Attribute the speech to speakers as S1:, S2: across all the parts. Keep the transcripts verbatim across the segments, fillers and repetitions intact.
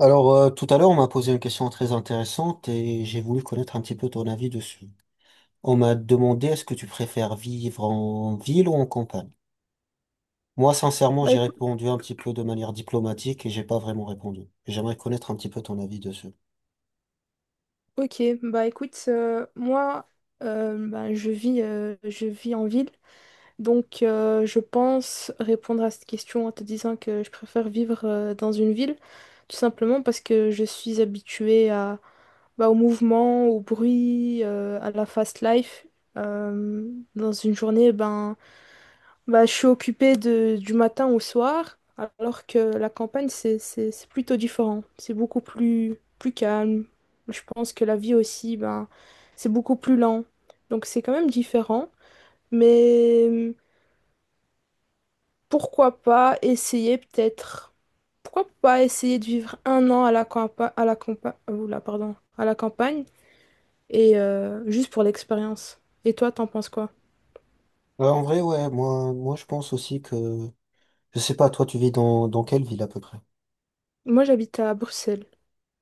S1: Alors, euh, tout à l'heure, on m'a posé une question très intéressante et j'ai voulu connaître un petit peu ton avis dessus. On m'a demandé, est-ce que tu préfères vivre en ville ou en campagne? Moi, sincèrement,
S2: Bah
S1: j'ai
S2: écoute,
S1: répondu un petit peu de manière diplomatique et j'ai pas vraiment répondu. J'aimerais connaître un petit peu ton avis dessus.
S2: ok, bah écoute, euh, moi euh, bah, je vis, euh, je vis en ville, donc euh, je pense répondre à cette question en te disant que je préfère vivre euh, dans une ville, tout simplement parce que je suis habituée à, bah, au mouvement, au bruit, euh, à la fast life. Euh, dans une journée, ben Bah, je suis occupée de, du matin au soir, alors que la campagne, c'est, c'est, c'est plutôt différent. C'est beaucoup plus, plus calme. Je pense que la vie aussi, ben, c'est beaucoup plus lent. Donc c'est quand même différent. Mais euh, pourquoi pas essayer peut-être... Pourquoi pas essayer de vivre un an à la campagne, à la campa- oula, pardon, à la campagne et euh, juste pour l'expérience. Et toi, t'en penses quoi?
S1: Euh, en vrai, ouais, moi, moi, je pense aussi que, je sais pas, toi, tu vis dans, dans quelle ville à peu près?
S2: Moi, j'habite à Bruxelles.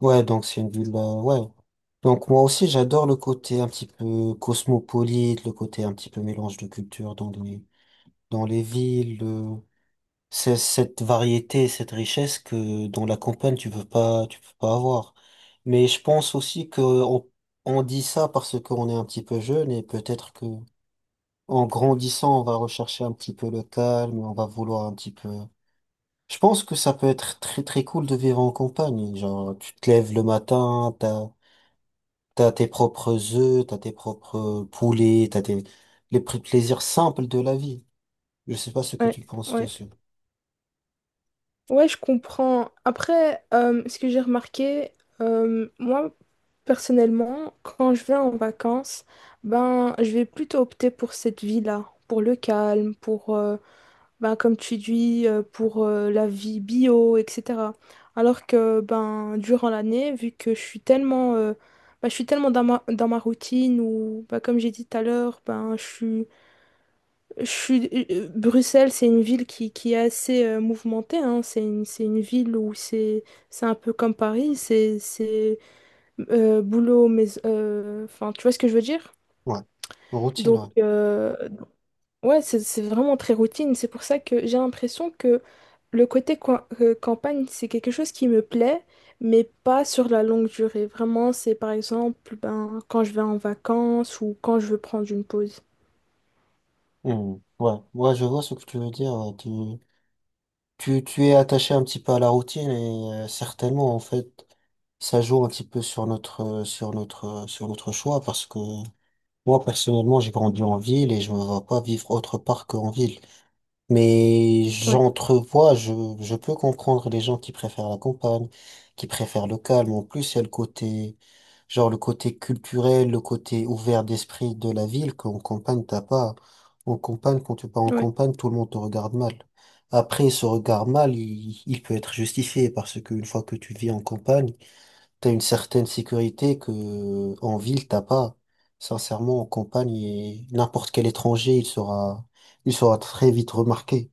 S1: Ouais, donc c'est une ville, euh, ouais. Donc moi aussi, j'adore le côté un petit peu cosmopolite, le côté un petit peu mélange de cultures dans les, dans les villes. euh, C'est cette variété, cette richesse que dans la campagne tu peux pas, tu peux pas avoir. Mais je pense aussi que on, on dit ça parce qu'on est un petit peu jeune, et peut-être que en grandissant on va rechercher un petit peu le calme, on va vouloir un petit peu. Je pense que ça peut être très très cool de vivre en campagne. Genre tu te lèves le matin, t'as t'as tes propres œufs, t'as tes propres poulets, t'as tes les pr- plaisirs simples de la vie. Je sais pas ce que
S2: Ouais,
S1: tu penses
S2: ouais.
S1: dessus.
S2: Ouais, je comprends. Après, euh, ce que j'ai remarqué, euh, moi, personnellement, quand je vais en vacances, ben, je vais plutôt opter pour cette vie-là, pour le calme, pour, euh, ben, comme tu dis, euh, pour euh, la vie bio, et cetera. Alors que, ben, durant l'année, vu que je suis tellement, euh, ben, je suis tellement dans ma, dans ma routine, ou, ben, comme j'ai dit tout à l'heure, ben, je suis je suis... euh, Bruxelles, c'est une ville qui, qui est assez euh, mouvementée, hein. C'est une, c'est une ville où c'est c'est un peu comme Paris, c'est c'est, euh, boulot, mais... euh, enfin, tu vois ce que je veux dire?
S1: Ouais. Routine,
S2: Donc,
S1: ouais.
S2: euh, ouais, c'est c'est vraiment très routine. C'est pour ça que j'ai l'impression que le côté coin- euh, campagne, c'est quelque chose qui me plaît, mais pas sur la longue durée. Vraiment, c'est par exemple ben, quand je vais en vacances ou quand je veux prendre une pause.
S1: Hmm. Ouais, ouais, je vois ce que tu veux dire. Ouais. Tu, tu, tu es attaché un petit peu à la routine et euh, certainement, en fait, ça joue un petit peu sur notre, euh, sur notre, euh, sur notre choix, parce que moi, personnellement, j'ai grandi en ville et je me vois pas vivre autre part qu'en ville. Mais
S2: Ouais,
S1: j'entrevois, je, je peux comprendre les gens qui préfèrent la campagne, qui préfèrent le calme. En plus, il y a le côté, genre le côté culturel, le côté ouvert d'esprit de la ville qu'en campagne, t'as pas. En campagne, quand tu pars en
S2: ouais.
S1: campagne, tout le monde te regarde mal. Après, ce regard mal, il, il peut être justifié, parce qu'une fois que tu vis en campagne, t'as une certaine sécurité que en ville t'as pas. Sincèrement, en campagne, et n'importe quel étranger, il sera, il sera très vite remarqué.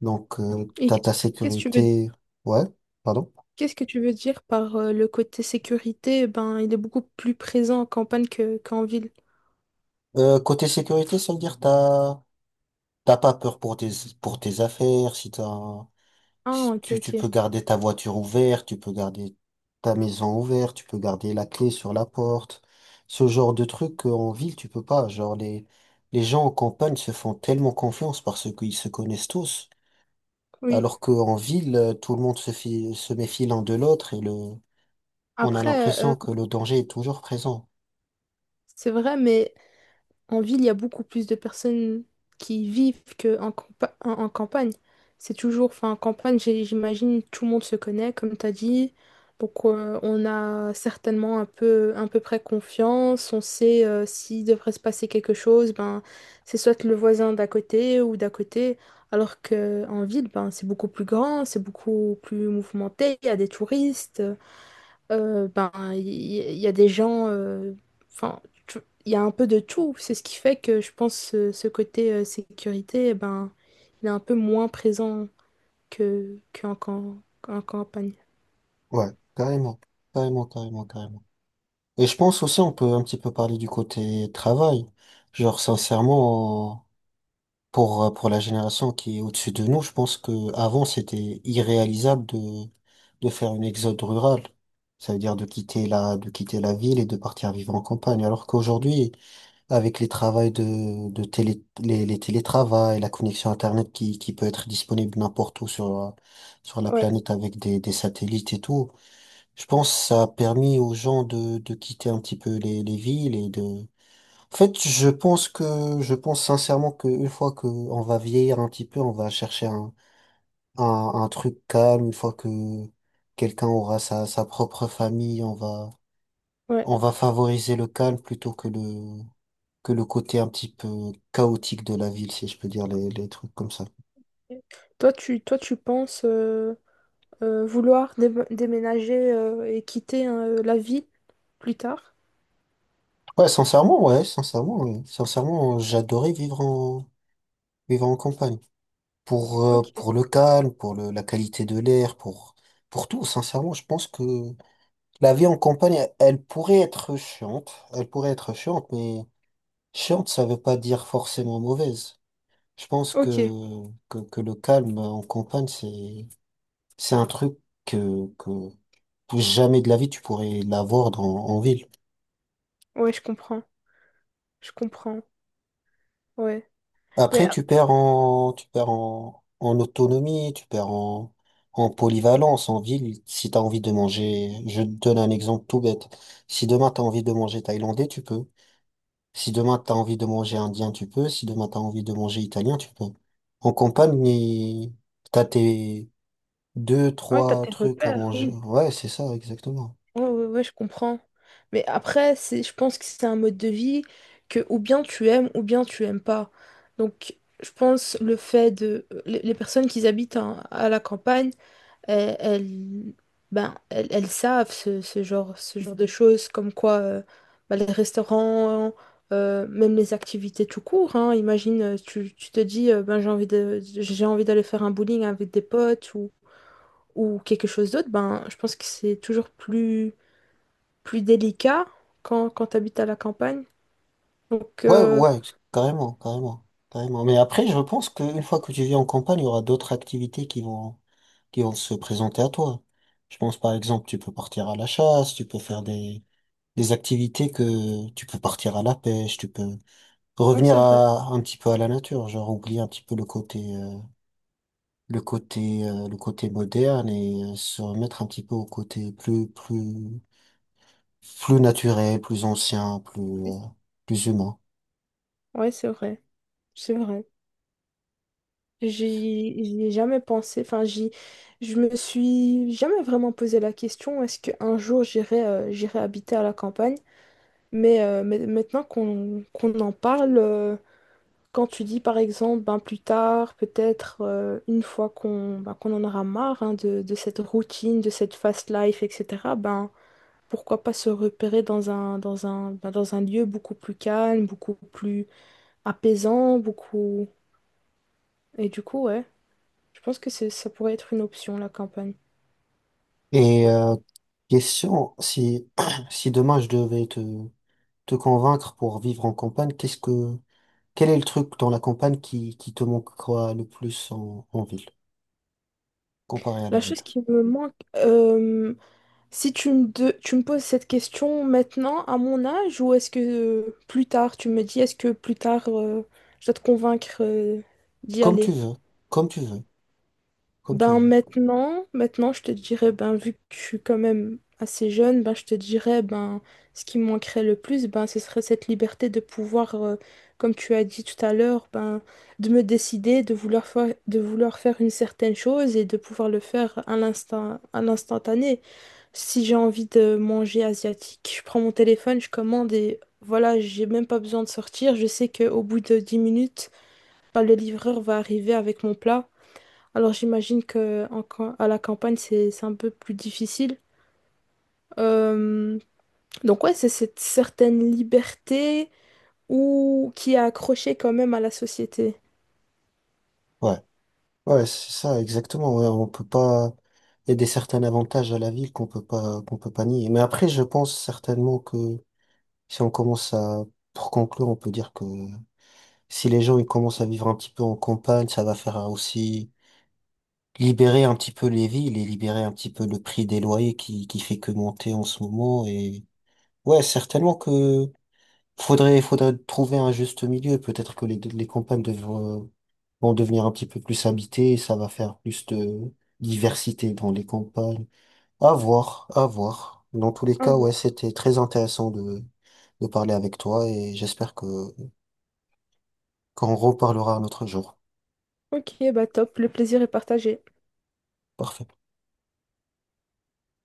S1: Donc, euh,
S2: Et
S1: t'as
S2: qu'est-ce
S1: ta
S2: qu'est-ce que tu veux
S1: sécurité. Ouais, pardon.
S2: qu'est-ce que tu veux dire par euh, le côté sécurité? Eh ben, il est beaucoup plus présent en campagne que, qu'en ville.
S1: Euh, côté sécurité, ça veut dire t'as, t'as pas peur pour tes, pour tes affaires, si t'as,
S2: Ah,
S1: si
S2: ok,
S1: tu, tu
S2: ok.
S1: peux garder ta voiture ouverte, tu peux garder ta maison ouverte, tu peux garder la clé sur la porte. Ce genre de truc qu'en ville, tu peux pas. Genre les, les gens en campagne se font tellement confiance parce qu'ils se connaissent tous.
S2: Oui.
S1: Alors qu'en ville, euh, tout le monde se fi- se méfie l'un de l'autre, et le, on a
S2: Après, euh,
S1: l'impression que le danger est toujours présent.
S2: c'est vrai, mais en ville, il y a beaucoup plus de personnes qui vivent qu'en campa- en, en campagne. C'est toujours, enfin, en campagne, j'ai- j'imagine, tout le monde se connaît, comme tu as dit. Donc, euh, on a certainement un peu, à peu près confiance. On sait euh, s'il devrait se passer quelque chose, ben, c'est soit le voisin d'à côté ou d'à côté. Alors qu'en ville, ben, c'est beaucoup plus grand, c'est beaucoup plus mouvementé. Il y a des touristes. Euh, ben, il y, il y a des gens, euh, enfin, tu- il y a un peu de tout. C'est ce qui fait que je pense ce, ce côté euh, sécurité, eh ben, il est un peu moins présent que qu'en cam- qu'en campagne.
S1: Ouais, carrément, carrément, carrément, carrément. Et je pense aussi on peut un petit peu parler du côté travail. Genre sincèrement, Pour, euh, pour la génération qui est au-dessus de nous, je pense que avant c'était irréalisable de, de faire une exode rurale. Ça veut dire de quitter la, de quitter la ville et de partir vivre en campagne. Alors qu'aujourd'hui, avec les travails de, de télé, les, les télétravails, la connexion Internet qui, qui peut être disponible n'importe où sur, la- sur la
S2: Ouais,
S1: planète, avec des, des satellites et tout, je pense que ça a permis aux gens de, de quitter un petit peu les, les villes. En fait, je pense que je pense sincèrement que une fois que on va vieillir un petit peu, on va chercher un, un, un truc calme. Une fois que quelqu'un aura sa, sa propre famille, on va
S2: ouais.
S1: on va favoriser le calme plutôt que le que le côté un petit peu chaotique de la ville, si je peux dire les, les trucs comme ça.
S2: Toi, tu, toi, tu penses euh, euh, vouloir dé- déménager euh, et quitter euh, la ville plus tard?
S1: Ouais, sincèrement, ouais, sincèrement, ouais. Sincèrement, j'adorais vivre en vivre en campagne. Pour euh,
S2: Ok,
S1: pour le calme, pour le, la qualité de l'air, pour pour tout. Sincèrement, je pense que la vie en campagne, elle pourrait être chiante, elle pourrait être chiante, mais chiante, ça veut pas dire forcément mauvaise. Je pense que,
S2: ok.
S1: que, que le calme en campagne, c'est, c'est un truc que, que jamais de la vie tu pourrais l'avoir dans, en ville.
S2: Ouais, je comprends, je comprends. Ouais, mais
S1: Après,
S2: euh,
S1: tu perds en, tu perds en, en autonomie, tu perds en, en polyvalence en ville. Si tu as envie de manger, je te donne un exemple tout bête. Si demain tu as envie de manger thaïlandais, tu peux. Si demain t'as envie de manger indien, tu peux. Si demain t'as envie de manger italien, tu peux. En campagne, il- t'as tes deux,
S2: ouais, t'as
S1: trois
S2: tes
S1: trucs à
S2: repères,
S1: manger.
S2: oui.
S1: Ouais, c'est ça, exactement.
S2: Ouais, ouais, ouais, je comprends. Mais après, c'est, je pense que c'est un mode de vie que ou bien tu aimes ou bien tu aimes pas. Donc, je pense le fait de... Les les personnes qui habitent en- à la campagne, elles, elles- ben, elles, elles savent ce, ce genre, ce genre de choses, comme quoi euh, ben, les restaurants, euh, même les activités tout court, hein. Imagine, euh, tu, tu te dis, euh, ben, j'ai envie de, j'ai envie d'aller faire un bowling avec des potes ou, ou quelque chose d'autre, ben, je pense que c'est toujours plus plus délicat quand, quand tu habites à la campagne. Donc,
S1: Ouais,
S2: euh,
S1: ouais, carrément, carrément, carrément. Mais après, je pense qu'une fois que tu vis en campagne, il y aura d'autres activités qui vont, qui vont se présenter à toi. Je pense, par exemple, tu peux partir à la chasse, tu peux faire des, des activités, que tu peux partir à la pêche, tu peux
S2: ouais,
S1: revenir
S2: c'est vrai.
S1: à, un petit peu à la nature, genre oublier un petit peu le côté, euh, le côté euh, le côté moderne, et euh, se remettre un petit peu au côté plus plus plus naturel, plus ancien, plus
S2: Oui.
S1: euh, plus humain.
S2: Ouais, c'est vrai. C'est vrai. J'y j'y ai jamais pensé. Enfin, j'y, je me suis jamais vraiment posé la question, est-ce qu'un jour j'irai euh, j'irai habiter à la campagne? Mais, euh, mais maintenant qu'on qu'on en parle, euh, quand tu dis par exemple, ben, plus tard, peut-être euh, une fois qu'on ben, qu'on en aura marre hein, de, de cette routine, de cette fast life, et cetera, ben, pourquoi pas se repérer dans un, dans un, bah, dans un lieu beaucoup plus calme, beaucoup plus apaisant, beaucoup... Et du coup, ouais, je pense que c'est, ça pourrait être une option, la campagne.
S1: Et euh, question, si si demain je devais te te convaincre pour vivre en campagne, qu'est-ce que quel est le truc dans la campagne qui qui te manquera le plus en, en ville comparé à la
S2: La
S1: ville?
S2: chose qui me manque, euh, si tu me, de- tu me poses cette question maintenant, à mon âge, ou est-ce que euh, plus tard, tu me dis, est-ce que plus tard, euh, je dois te convaincre euh, d'y
S1: Comme tu
S2: aller?
S1: veux, comme tu veux, comme tu
S2: Ben
S1: veux.
S2: maintenant, maintenant je te dirais, ben vu que je suis quand même assez jeune, ben je te dirais, ben ce qui me manquerait le plus, ben ce serait cette liberté de pouvoir, euh, comme tu as dit tout à l'heure, ben de me décider, de vouloir faire, de vouloir faire une certaine chose et de pouvoir le faire à l'instant, à l'instantané. Si j'ai envie de manger asiatique, je prends mon téléphone, je commande et voilà, j'ai même pas besoin de sortir. Je sais qu'au bout de dix minutes, ben, le livreur va arriver avec mon plat. Alors j'imagine que en cam- à la campagne, c'est c'est un peu plus difficile. Euh, donc ouais, c'est cette certaine liberté ou qui est accrochée quand même à la société.
S1: Ouais. Ouais, c'est ça, exactement. Ouais, on peut pas. Il y a des certains avantages à la ville qu'on peut pas, qu'on peut pas nier. Mais après, je pense certainement que si on commence à, pour conclure, on peut dire que si les gens ils commencent à vivre un petit peu en campagne, ça va faire aussi libérer un petit peu les villes et libérer un petit peu le prix des loyers qui, qui fait que monter en ce moment. Et ouais, certainement que faudrait, faudrait trouver un juste milieu. Peut-être que les, les campagnes devraient vont devenir un petit peu plus habités et ça va faire plus de diversité dans les campagnes. À voir, à voir. Dans tous les
S2: Au
S1: cas, ouais,
S2: revoir.
S1: c'était très intéressant de, de parler avec toi, et j'espère que qu'on reparlera un autre jour.
S2: Ok, bah top, le plaisir est partagé.
S1: Parfait.